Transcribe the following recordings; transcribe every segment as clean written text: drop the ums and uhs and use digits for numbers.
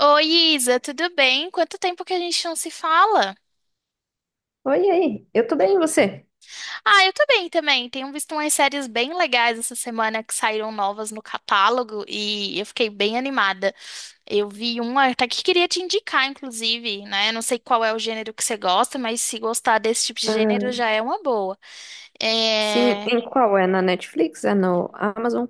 Oi, Isa, tudo bem? Quanto tempo que a gente não se fala? Oi, e aí, eu tô bem, e você? Ah, eu tô bem também. Tenho visto umas séries bem legais essa semana que saíram novas no catálogo e eu fiquei bem animada. Eu vi uma até que queria te indicar, inclusive, né? Não sei qual é o gênero que você gosta, mas se gostar desse tipo de Ah, gênero já é uma boa. sim, É, em qual? É na Netflix? É no Amazon?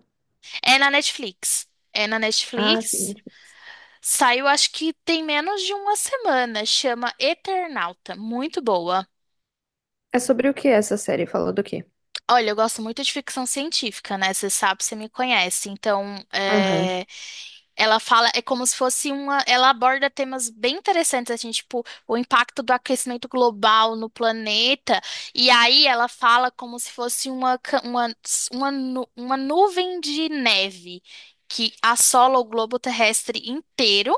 é na Netflix. É na Ah, sim, Netflix. Netflix. Saiu, acho que tem menos de uma semana. Chama Eternauta. Muito boa. É sobre o que essa série? Falou do quê? Olha, eu gosto muito de ficção científica, né? Você sabe, você me conhece. Então, Aham. Ela fala, é como se fosse uma. Ela aborda temas bem interessantes, assim, tipo, o impacto do aquecimento global no planeta. E aí ela fala como se fosse uma, ca- uma, nu- uma nuvem de neve que assola o globo terrestre inteiro.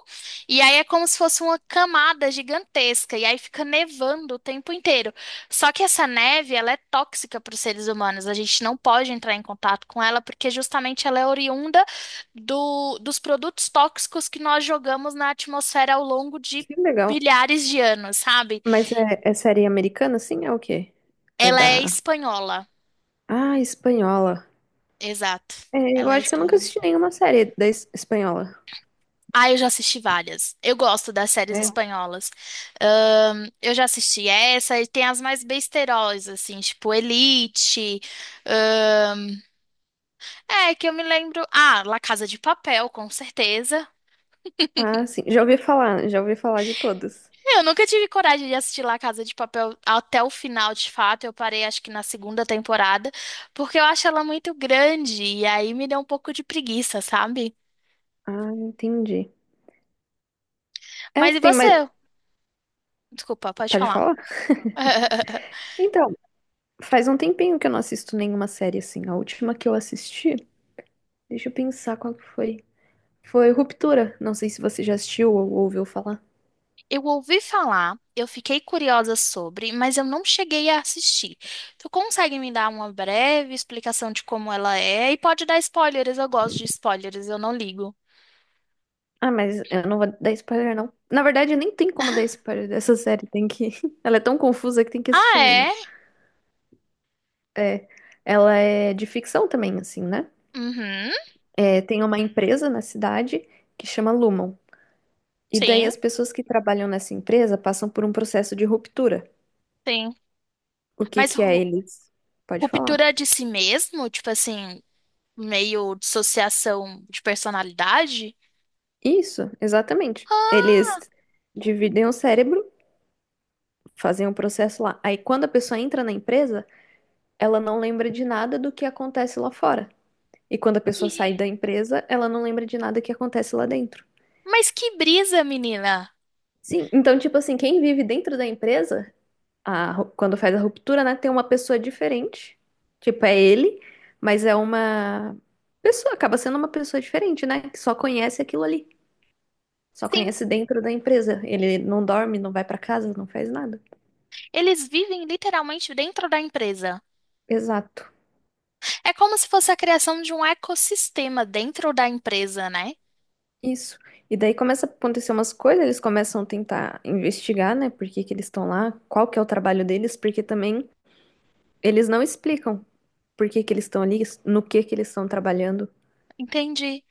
E aí é como se fosse uma camada gigantesca. E aí fica nevando o tempo inteiro. Só que essa neve, ela é tóxica para os seres humanos. A gente não pode entrar em contato com ela porque justamente ela é oriunda dos produtos tóxicos que nós jogamos na atmosfera ao longo de Que legal. milhares de anos, sabe? Mas é, é série americana, sim? É o quê? É Ela é da... espanhola. Ah, espanhola. Exato. É, eu Ela é acho que eu nunca espanhola. assisti nenhuma série da espanhola. Ah, eu já assisti várias. Eu gosto das séries É. espanholas. Eu já assisti essa e tem as mais besteiros, assim, tipo Elite. ahn, que eu me lembro. Ah, La Casa de Papel, com certeza. Ah, sim, já ouvi falar de todas. É. Eu nunca tive coragem de assistir La Casa de Papel até o final, de fato. Eu parei, acho que na segunda temporada, porque eu acho ela muito grande e aí me deu um pouco de preguiça, sabe? Ah, entendi. É, Mas e tem mais... você? Desculpa, pode Pode falar. falar? Então, faz um tempinho que eu não assisto nenhuma série assim. A última que eu assisti... Deixa eu pensar qual que foi. Foi Ruptura. Não sei se você já assistiu ou ouviu falar. Eu ouvi falar, eu fiquei curiosa sobre, mas eu não cheguei a assistir. Tu consegue me dar uma breve explicação de como ela é? E pode dar spoilers, eu gosto de spoilers, eu não ligo. Ah, mas eu não vou dar spoiler, não. Na verdade, eu nem tem como dar spoiler dessa série. Tem que. Ela é tão confusa que tem que Ah, assistir mesmo. é? É. Ela é de ficção também, assim, né? Uhum, É, tem uma empresa na cidade que chama Lumon. E daí sim, as pessoas que trabalham nessa empresa passam por um processo de ruptura. sim. O que Mas que é eles? Pode falar. Ruptura de si mesmo, tipo assim, meio dissociação de personalidade? Isso, exatamente. Ah, Eles dividem o cérebro. Fazem um processo lá. Aí quando a pessoa entra na empresa, ela não lembra de nada do que acontece lá fora. E quando a pessoa que- sai da empresa, ela não lembra de nada que acontece lá dentro. mas que brisa, menina! Sim, então tipo assim, quem vive dentro da empresa, a quando faz a ruptura, né, tem uma pessoa diferente. Tipo, é ele, mas é uma pessoa, acaba sendo uma pessoa diferente, né, que só conhece aquilo ali. Só Sim, conhece dentro da empresa. Ele não dorme, não vai pra casa, não faz nada. eles vivem literalmente dentro da empresa. Exato. É como se fosse a criação de um ecossistema dentro da empresa, né? Isso. E daí começa a acontecer umas coisas, eles começam a tentar investigar, né? Por que que eles estão lá, qual que é o trabalho deles, porque também eles não explicam por que que eles estão ali, no que eles estão trabalhando. Entendi.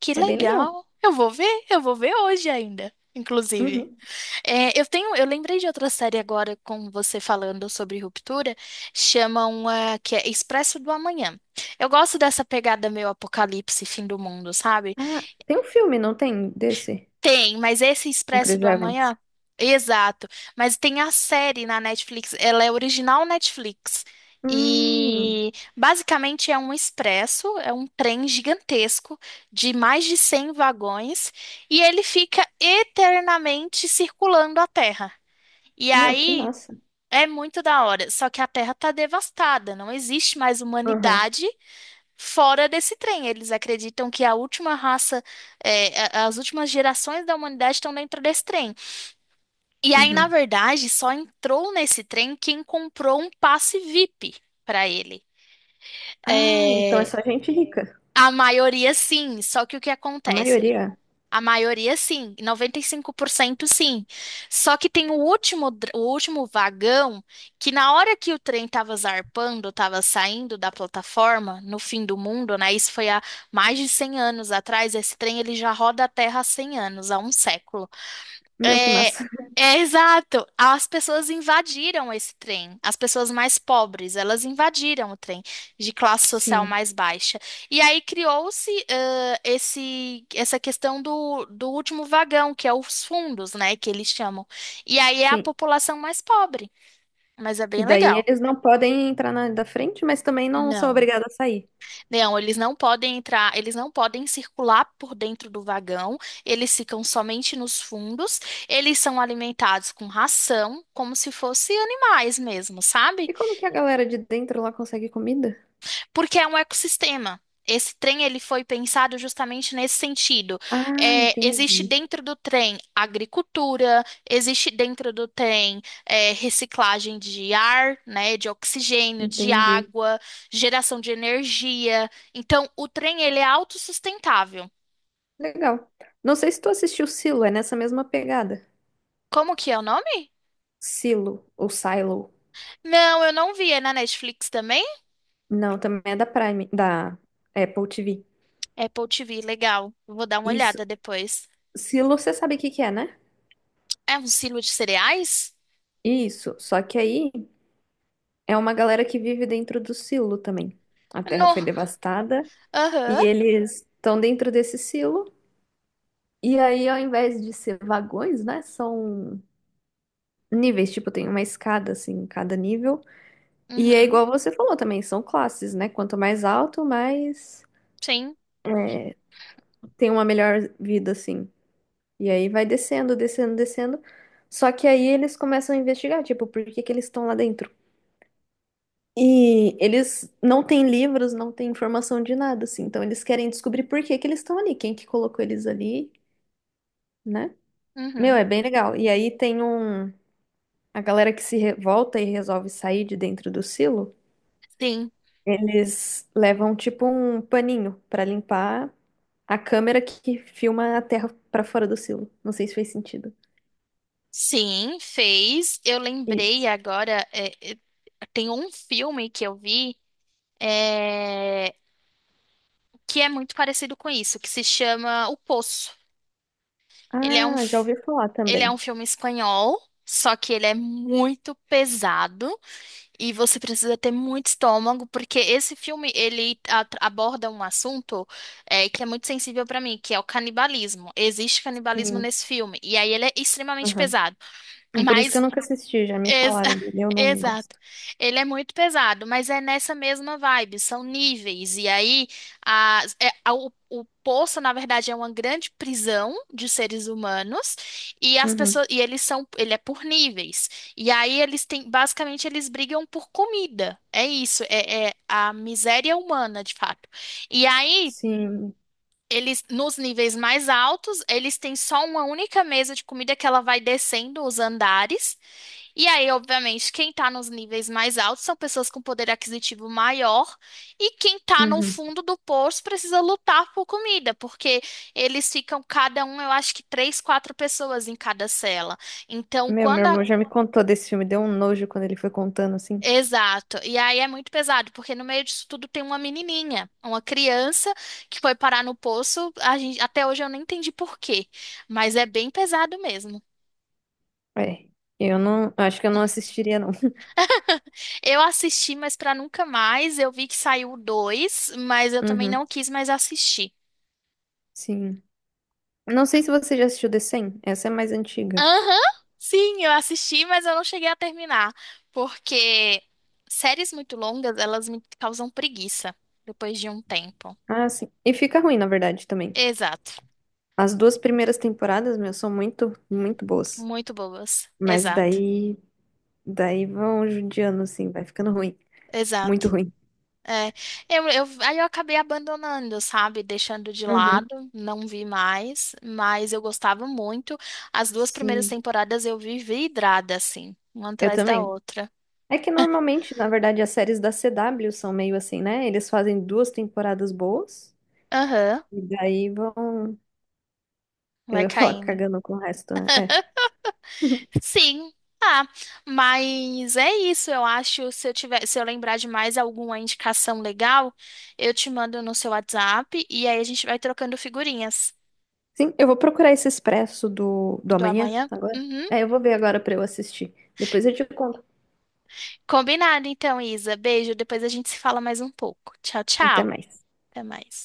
Que É bem legal. legal. Eu vou ver hoje ainda, inclusive. Uhum. É, eu lembrei de outra série agora com você falando sobre ruptura, chama uma que é Expresso do Amanhã. Eu gosto dessa pegada meio apocalipse, fim do mundo, sabe? Ah, tem um filme, não tem? Desse? Tem, mas esse Com Expresso Chris do Evans. Amanhã, exato. Mas tem a série na Netflix, ela é original Netflix. Hum, E basicamente é um expresso, é um trem gigantesco de mais de 100 vagões e ele fica eternamente circulando a Terra. E meu, que aí massa. é muito da hora, só que a Terra tá devastada, não existe mais Uhum. humanidade fora desse trem. Eles acreditam que a última raça, as últimas gerações da humanidade estão dentro desse trem. E aí, na Uhum. verdade, só entrou nesse trem quem comprou um passe VIP para ele. Ah, então é É, só gente rica. a maioria sim, só que o que A acontece? maioria. A maioria sim, 95% sim. Só que tem o último vagão que na hora que o trem estava zarpando, estava saindo da plataforma, no fim do mundo, né? Isso foi há mais de 100 anos atrás. Esse trem ele já roda a Terra há 100 anos, há um século. Meu, que É, massa. é exato. As pessoas invadiram esse trem. As pessoas mais pobres, elas invadiram o trem de classe social Sim, mais baixa. E aí criou-se esse essa questão do último vagão, que é os fundos, né, que eles chamam. E aí é a sim. população mais pobre. Mas é E bem daí legal. eles não podem entrar na da frente, mas também não são Não. obrigados a sair. Não, eles não podem entrar, eles não podem circular por dentro do vagão, eles ficam somente nos fundos, eles são alimentados com ração, como se fossem animais mesmo, E sabe? como que a galera de dentro lá consegue comida? Porque é um ecossistema. Esse trem ele foi pensado justamente nesse sentido. Ah, É, existe entendi. dentro do trem agricultura, existe dentro do trem reciclagem de ar, né, de oxigênio, de Entendi. água, geração de energia. Então, o trem ele é autossustentável. Legal. Não sei se tu assistiu Silo, é nessa mesma pegada. Como que é o nome? Silo ou Silo. Não, eu não vi. É na Netflix também? Não, também é da Prime, da Apple TV. Apple TV, legal. Vou dar uma Isso. olhada depois. Silo, você sabe o que que é, né? É um silo de cereais? Isso. Só que aí é uma galera que vive dentro do silo também. A terra No. foi devastada e Aham. eles estão dentro desse silo. E aí, ao invés de ser vagões, né? São níveis, tipo, tem uma escada, assim, em cada nível. E é Uhum. igual você falou também, são classes, né? Quanto mais alto, mais Sim. é, tem uma melhor vida, assim. E aí vai descendo, descendo, descendo. Só que aí eles começam a investigar, tipo, por que que eles estão lá dentro. E eles não têm livros, não têm informação de nada, assim. Então eles querem descobrir por que que eles estão ali, quem que colocou eles ali, né? Meu, Uhum. é bem legal. E aí tem um... A galera que se revolta e resolve sair de dentro do silo, Sim, eles levam, tipo, um paninho pra limpar a câmera que filma a Terra pra fora do silo. Não sei se fez sentido. sim, fez. Eu lembrei Isso. agora, tem um filme que eu vi é, que é muito parecido com isso, que se chama O Poço. Ele é um, Ah, já f- ouvi falar ele é um também. filme espanhol, só que ele é muito pesado e você precisa ter muito estômago, porque esse filme ele aborda um assunto que é muito sensível para mim, que é o canibalismo. Existe canibalismo Sim. nesse filme, e aí ele é extremamente Aham. pesado. É por isso que eu mas nunca assisti, já me Ex- falaram dele, eu não Exato. gosto. Ele é muito pesado, mas é nessa mesma vibe, são níveis. E aí, o poço, na verdade, é uma grande prisão de seres humanos, e as Uhum. pessoas, e eles são, ele é por níveis. E aí eles têm, basicamente, eles brigam por comida. É isso, é a miséria humana, de fato. E aí. Sim. Eles, nos níveis mais altos, eles têm só uma única mesa de comida que ela vai descendo os andares. E aí, obviamente, quem está nos níveis mais altos são pessoas com poder aquisitivo maior, e quem está no Uhum. fundo do poço precisa lutar por comida, porque eles ficam cada um, eu acho que três, quatro pessoas em cada cela. Então, Meu quando a. irmão já me contou desse filme, deu um nojo quando ele foi contando assim. Exato. E aí é muito pesado, porque no meio disso tudo tem uma menininha, uma criança que foi parar no poço. A gente. Até hoje eu não entendi por quê, mas é bem pesado mesmo. É. Eu não, acho que eu não assistiria não. Eu assisti, mas pra nunca mais. Eu vi que saiu o dois, mas eu também Uhum. não quis mais assistir. Sim. Não sei se você já assistiu The 100. Essa é mais antiga. Aham, sim, eu assisti, mas eu não cheguei a terminar. Porque séries muito longas, elas me causam preguiça depois de um tempo. Ah, sim. E fica ruim, na verdade, também. Exato. As duas primeiras temporadas, meu, são muito, muito boas. Muito boas. Mas Exato. daí, daí vão judiando, assim, vai ficando ruim. Muito Exato. ruim. É, aí eu acabei abandonando, sabe? Deixando de lado, Uhum. não vi mais, mas eu gostava muito. As duas primeiras Sim, temporadas eu vi vidrada, assim, uma eu atrás da também. outra. É que normalmente, na verdade, as séries da CW são meio assim, né? Eles fazem duas temporadas boas Aham, e daí vão. Eu vai ia falar caindo. cagando com o resto, né? É. Sim. Ah, mas é isso, eu acho. Se eu lembrar de mais alguma indicação legal, eu te mando no seu WhatsApp e aí a gente vai trocando figurinhas Sim, eu vou procurar esse Expresso do, do do amanhã amanhã. agora. Uhum. É, eu vou ver agora pra eu assistir. Depois eu te conto. Combinado, então, Isa. Beijo. Depois a gente se fala mais um pouco. Tchau, Até tchau. mais. Até mais.